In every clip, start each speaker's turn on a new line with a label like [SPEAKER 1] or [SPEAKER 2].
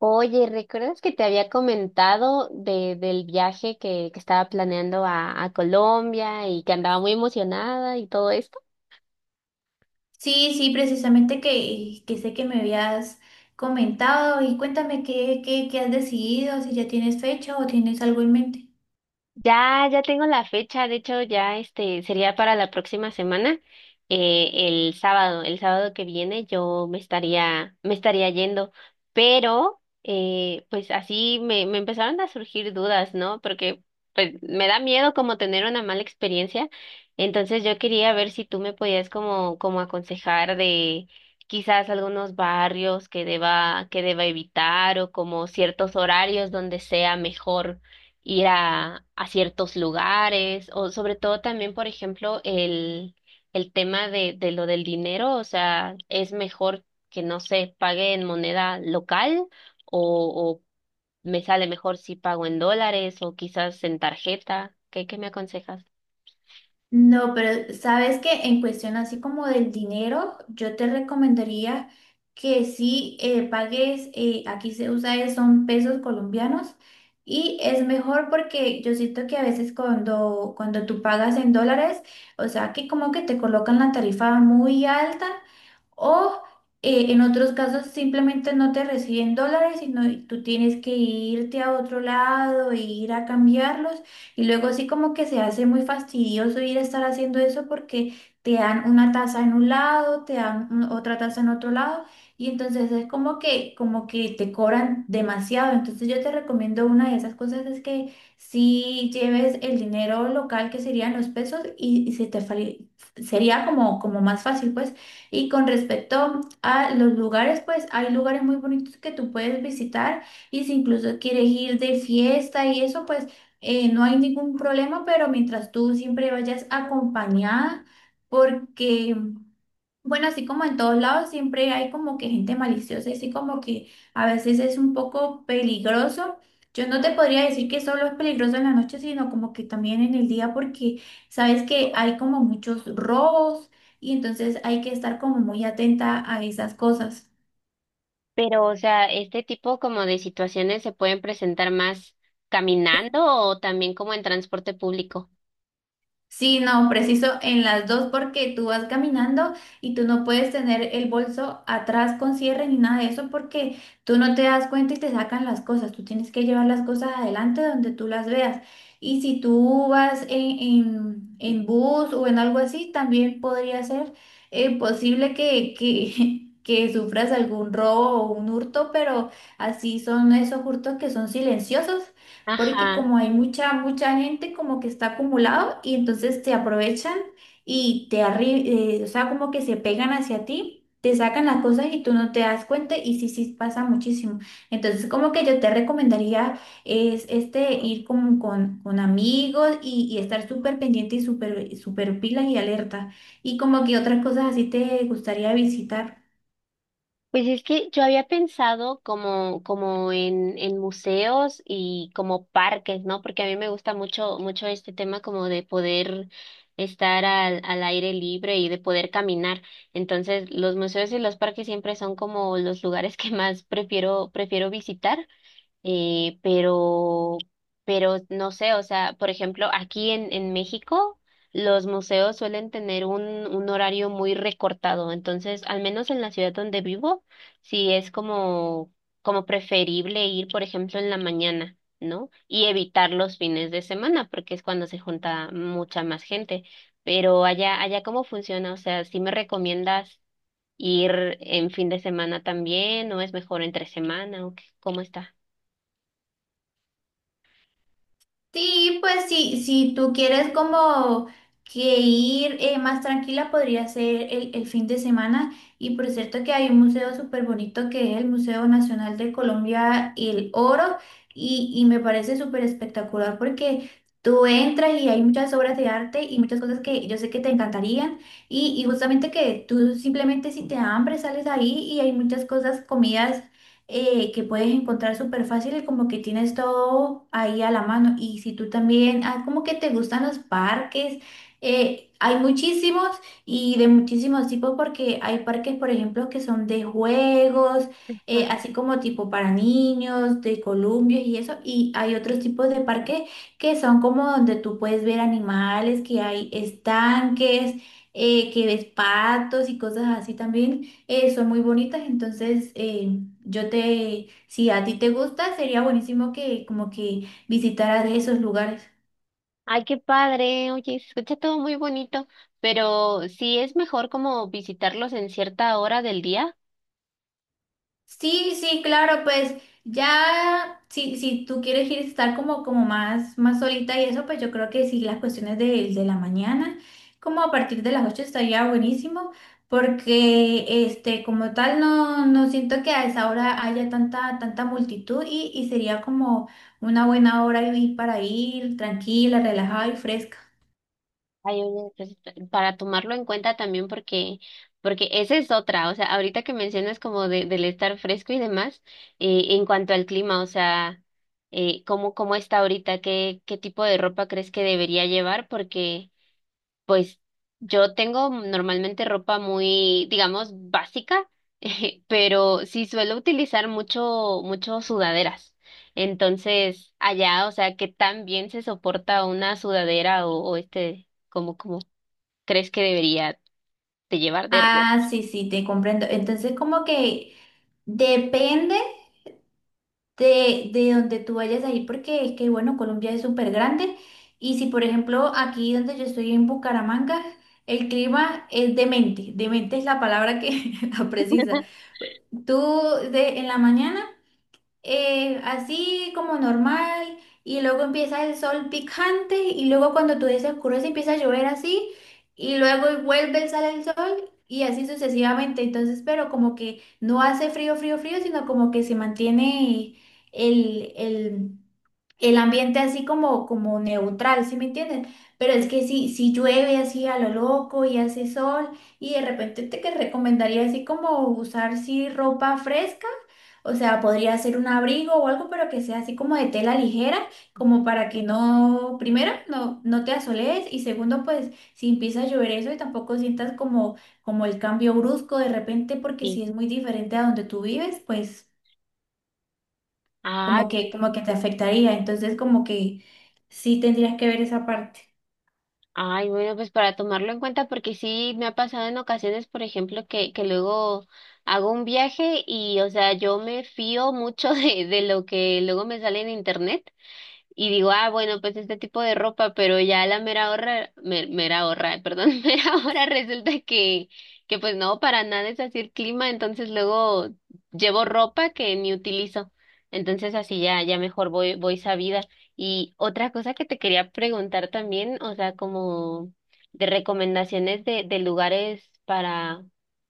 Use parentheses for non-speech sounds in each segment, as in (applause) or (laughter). [SPEAKER 1] Oye, ¿recuerdas que te había comentado del viaje que estaba planeando a Colombia y que andaba muy emocionada y todo?
[SPEAKER 2] Sí, sí, precisamente que sé que me habías comentado y cuéntame qué has decidido, si ya tienes fecha o tienes algo en mente.
[SPEAKER 1] Ya, ya tengo la fecha, de hecho ya este sería para la próxima semana, eh, el sábado que viene yo me estaría yendo, pero pues así me empezaron a surgir dudas, ¿no? Porque pues me da miedo como tener una mala experiencia, entonces yo quería ver si tú me podías como aconsejar de quizás algunos barrios que deba evitar o como ciertos horarios donde sea mejor ir a ciertos lugares, o sobre todo también, por ejemplo, el tema de lo del dinero, o sea, ¿es mejor que no se pague en moneda local o me sale mejor si pago en dólares o quizás en tarjeta? Qué me aconsejas?
[SPEAKER 2] No, pero sabes que en cuestión así como del dinero, yo te recomendaría que sí pagues, aquí se usa son pesos colombianos y es mejor porque yo siento que a veces cuando tú pagas en dólares, o sea que como que te colocan la tarifa muy alta o en otros casos simplemente no te reciben dólares, sino tú tienes que irte a otro lado e ir a cambiarlos. Y luego sí como que se hace muy fastidioso ir a estar haciendo eso porque te dan una taza en un lado, te dan otra taza en otro lado y entonces es como que te cobran demasiado. Entonces yo te recomiendo una de esas cosas es que si lleves el dinero local que serían los pesos y se te sería como como más fácil pues. Y con respecto a los lugares, pues hay lugares muy bonitos que tú puedes visitar y si incluso quieres ir de fiesta y eso, pues no hay ningún problema, pero mientras tú siempre vayas acompañada, porque, bueno, así como en todos lados, siempre hay como que gente maliciosa, y así como que a veces es un poco peligroso. Yo no te podría decir que solo es peligroso en la noche, sino como que también en el día, porque sabes que hay como muchos robos y entonces hay que estar como muy atenta a esas cosas.
[SPEAKER 1] Pero, o sea, ¿este tipo como de situaciones se pueden presentar más caminando o también como en transporte público?
[SPEAKER 2] Sí, no, preciso en las dos porque tú vas caminando y tú no puedes tener el bolso atrás con cierre ni nada de eso porque tú no te das cuenta y te sacan las cosas. Tú tienes que llevar las cosas adelante donde tú las veas. Y si tú vas en bus o en algo así, también podría ser posible (laughs) que sufras algún robo o un hurto, pero así son esos hurtos que son silenciosos porque
[SPEAKER 1] Ajá.
[SPEAKER 2] como hay mucha, mucha gente como que está acumulado y entonces te aprovechan y te arri o sea, como que se pegan hacia ti, te sacan las cosas y tú no te das cuenta y sí, sí pasa muchísimo. Entonces como que yo te recomendaría es este ir como con amigos y estar súper pendiente y súper, súper pilas y alerta. Y como que otras cosas así te gustaría visitar.
[SPEAKER 1] Pues es que yo había pensado como, como en museos y como parques, ¿no? Porque a mí me gusta mucho, mucho este tema como de poder estar al aire libre y de poder caminar. Entonces, los museos y los parques siempre son como los lugares (laughs) que más prefiero, prefiero visitar. Eh, pero, pero no sé, o sea, por ejemplo, aquí en México los museos suelen tener un horario muy recortado, entonces, al menos en la ciudad donde vivo, sí es como, como preferible ir, por ejemplo, en la mañana, ¿no? Y evitar los fines de semana, porque es cuando se junta mucha más gente. Pero allá, allá, ¿cómo funciona? O sea, ¿sí me recomiendas ir en fin de semana también, o es mejor entre semana, o qué- cómo está?
[SPEAKER 2] Sí, pues sí, si tú quieres como que ir más tranquila, podría ser el fin de semana. Y por cierto que hay un museo súper bonito que es el Museo Nacional de Colombia, El Oro, y me parece súper espectacular porque tú entras y hay muchas obras de arte y muchas cosas que yo sé que te encantarían. Y justamente que tú simplemente si te da hambre sales ahí y hay muchas cosas, comidas que puedes encontrar súper fácil y como que tienes todo ahí a la mano. Y si tú también, ah, como que te gustan los parques, hay muchísimos y de muchísimos tipos porque hay parques, por ejemplo, que son de juegos, así como tipo para niños, de columpios y eso. Y hay otros tipos de parques que son como donde tú puedes ver animales, que hay estanques. Que ves patos y cosas así también, son muy bonitas, entonces yo te, si a ti te gusta, sería buenísimo que como que visitaras esos lugares.
[SPEAKER 1] Ay, qué padre, oye, se escucha todo muy bonito, pero sí es mejor como visitarlos en cierta hora del día.
[SPEAKER 2] Sí, sí, claro, pues ya, si, si tú quieres ir a estar como, como más, más solita y eso, pues yo creo que sí, las cuestiones de la mañana, como a partir de las 8 estaría buenísimo, porque este, como tal, no, no siento que a esa hora haya tanta, tanta multitud y sería como una buena hora para ir tranquila, relajada y fresca.
[SPEAKER 1] Ay, oye, pues, para tomarlo en cuenta también porque, porque esa es otra, o sea, ahorita que mencionas como del estar fresco y demás, en cuanto al clima, o sea, ¿cómo, cómo está ahorita? ¿Qué, qué tipo de ropa crees que debería llevar? Porque pues yo tengo normalmente ropa muy, digamos, básica, (laughs) pero sí suelo utilizar mucho, mucho sudaderas. Entonces, allá, o sea, ¿qué tan bien se soporta una sudadera o este, como, como crees que debería de llevar de ropa?
[SPEAKER 2] Ah, sí, sí, te comprendo. Entonces, como que depende de donde tú vayas a ir, porque es que, bueno, Colombia es súper grande. Y si, por ejemplo, aquí donde yo estoy en Bucaramanga, el clima es demente. Demente es la palabra que (laughs) la precisa. Tú de, en la mañana así como normal y luego empieza el sol picante y luego cuando tú oscurece empieza a llover así y luego vuelve, sale el sol y así sucesivamente. Entonces, pero como que no hace frío, frío, frío, sino como que se mantiene el, el, el ambiente así como, como neutral, ¿sí me entiendes? Pero es que si, si llueve así a lo loco y hace sol y de repente te que recomendaría así como usar sí ropa fresca, o sea, podría ser un abrigo o algo, pero que sea así como de tela ligera, como para que no, primero, no, no te asolees y segundo, pues si empieza a llover eso y tampoco sientas como, como el cambio brusco de repente, porque
[SPEAKER 1] Sí.
[SPEAKER 2] si es muy diferente a donde tú vives, pues
[SPEAKER 1] Ah.
[SPEAKER 2] como que te afectaría. Entonces, como que sí tendrías que ver esa parte.
[SPEAKER 1] Ay, bueno, pues para tomarlo en cuenta, porque sí me ha pasado en ocasiones, por ejemplo, que luego hago un viaje y, o sea, yo me fío mucho (laughs) de lo que luego me sale en internet. Y digo, ah, bueno, pues este tipo de ropa, pero ya a la mera hora, mera hora, perdón, (laughs) mera hora resulta que pues no, para nada es así el clima, entonces luego llevo ropa que ni utilizo. Entonces así ya, ya mejor voy, voy sabida. Y otra cosa que te quería preguntar también, o sea, como de recomendaciones de lugares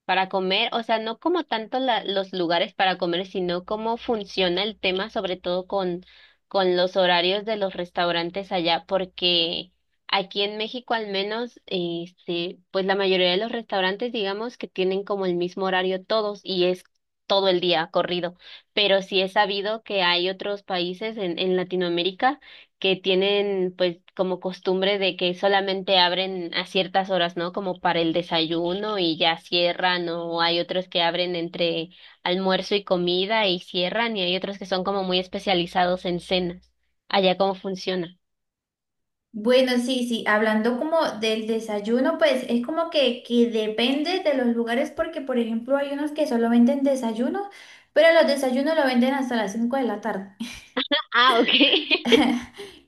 [SPEAKER 1] para comer, o sea, no como tanto los lugares para comer, sino cómo funciona el tema, sobre todo con los horarios de los restaurantes allá, porque aquí en México al menos, este, pues la mayoría de los restaurantes, digamos que tienen como el mismo horario todos y es todo el día corrido, pero sí he sabido que hay otros países en Latinoamérica que tienen pues como costumbre de que solamente abren a ciertas horas, ¿no? Como para el desayuno y ya cierran, o hay otros que abren entre almuerzo y comida y cierran, y hay otros que son como muy especializados en cenas. Allá, ¿cómo funciona?
[SPEAKER 2] Bueno, sí, sí, hablando como del desayuno, pues es como que depende de los lugares porque, por ejemplo, hay unos que solo venden desayuno, pero los desayunos lo venden hasta las 5 de la tarde.
[SPEAKER 1] Ah, ok. (laughs)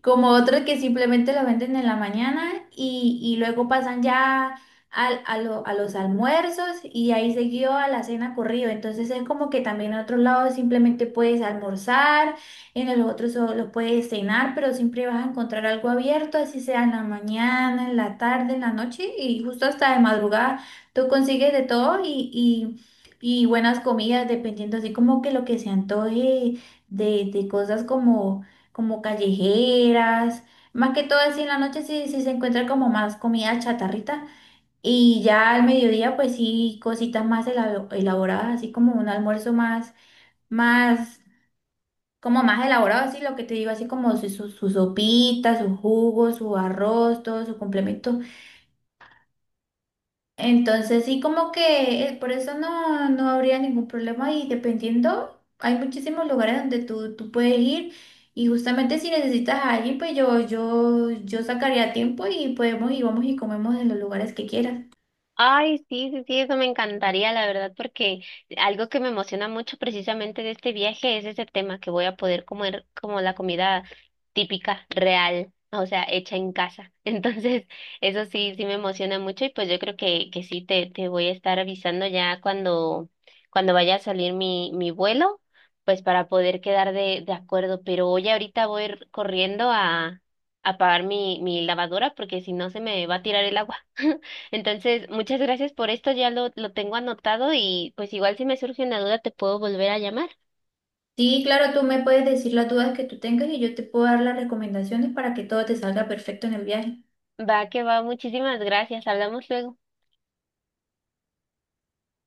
[SPEAKER 2] Como otros que simplemente lo venden en la mañana y luego pasan ya a los almuerzos y ahí seguido a la cena corrido. Entonces es como que también en otros lados simplemente puedes almorzar, en los otros solo puedes cenar, pero siempre vas a encontrar algo abierto, así sea en la mañana, en la tarde, en la noche y justo hasta de madrugada tú consigues de todo y buenas comidas, dependiendo así como que lo que se antoje de cosas como como callejeras, más que todo así en la noche sí, sí se encuentra como más comida chatarrita y ya al mediodía pues sí cositas más elaboradas, así como un almuerzo más, más, como más elaborado, así lo que te digo, así como su sopita, su jugo, su arroz, todo su complemento. Entonces, sí, como que por eso no, no habría ningún problema y dependiendo, hay muchísimos lugares donde tú puedes ir y justamente si necesitas a alguien, pues yo sacaría tiempo y podemos y vamos y comemos en los lugares que quieras.
[SPEAKER 1] Ay, sí, sí, sí, eso me encantaría, la verdad, porque algo que me emociona mucho precisamente de este viaje es ese tema que voy a poder comer como la comida típica, real, o sea, hecha en casa. (laughs) Entonces, eso sí, sí me emociona mucho y pues yo creo que sí, te voy a estar avisando ya cuando, cuando vaya a salir mi, mi vuelo, pues para poder quedar de acuerdo. Pero hoy ahorita voy a ir corriendo a pagar mi, mi lavadora porque si no se me va a tirar el agua. Entonces, muchas gracias por esto, ya lo tengo anotado y pues igual si me surge una duda te puedo volver a llamar.
[SPEAKER 2] Sí, claro, tú me puedes decir las dudas que tú tengas y yo te puedo dar las recomendaciones para que todo te salga perfecto en el viaje.
[SPEAKER 1] Va que va, muchísimas gracias, hablamos luego.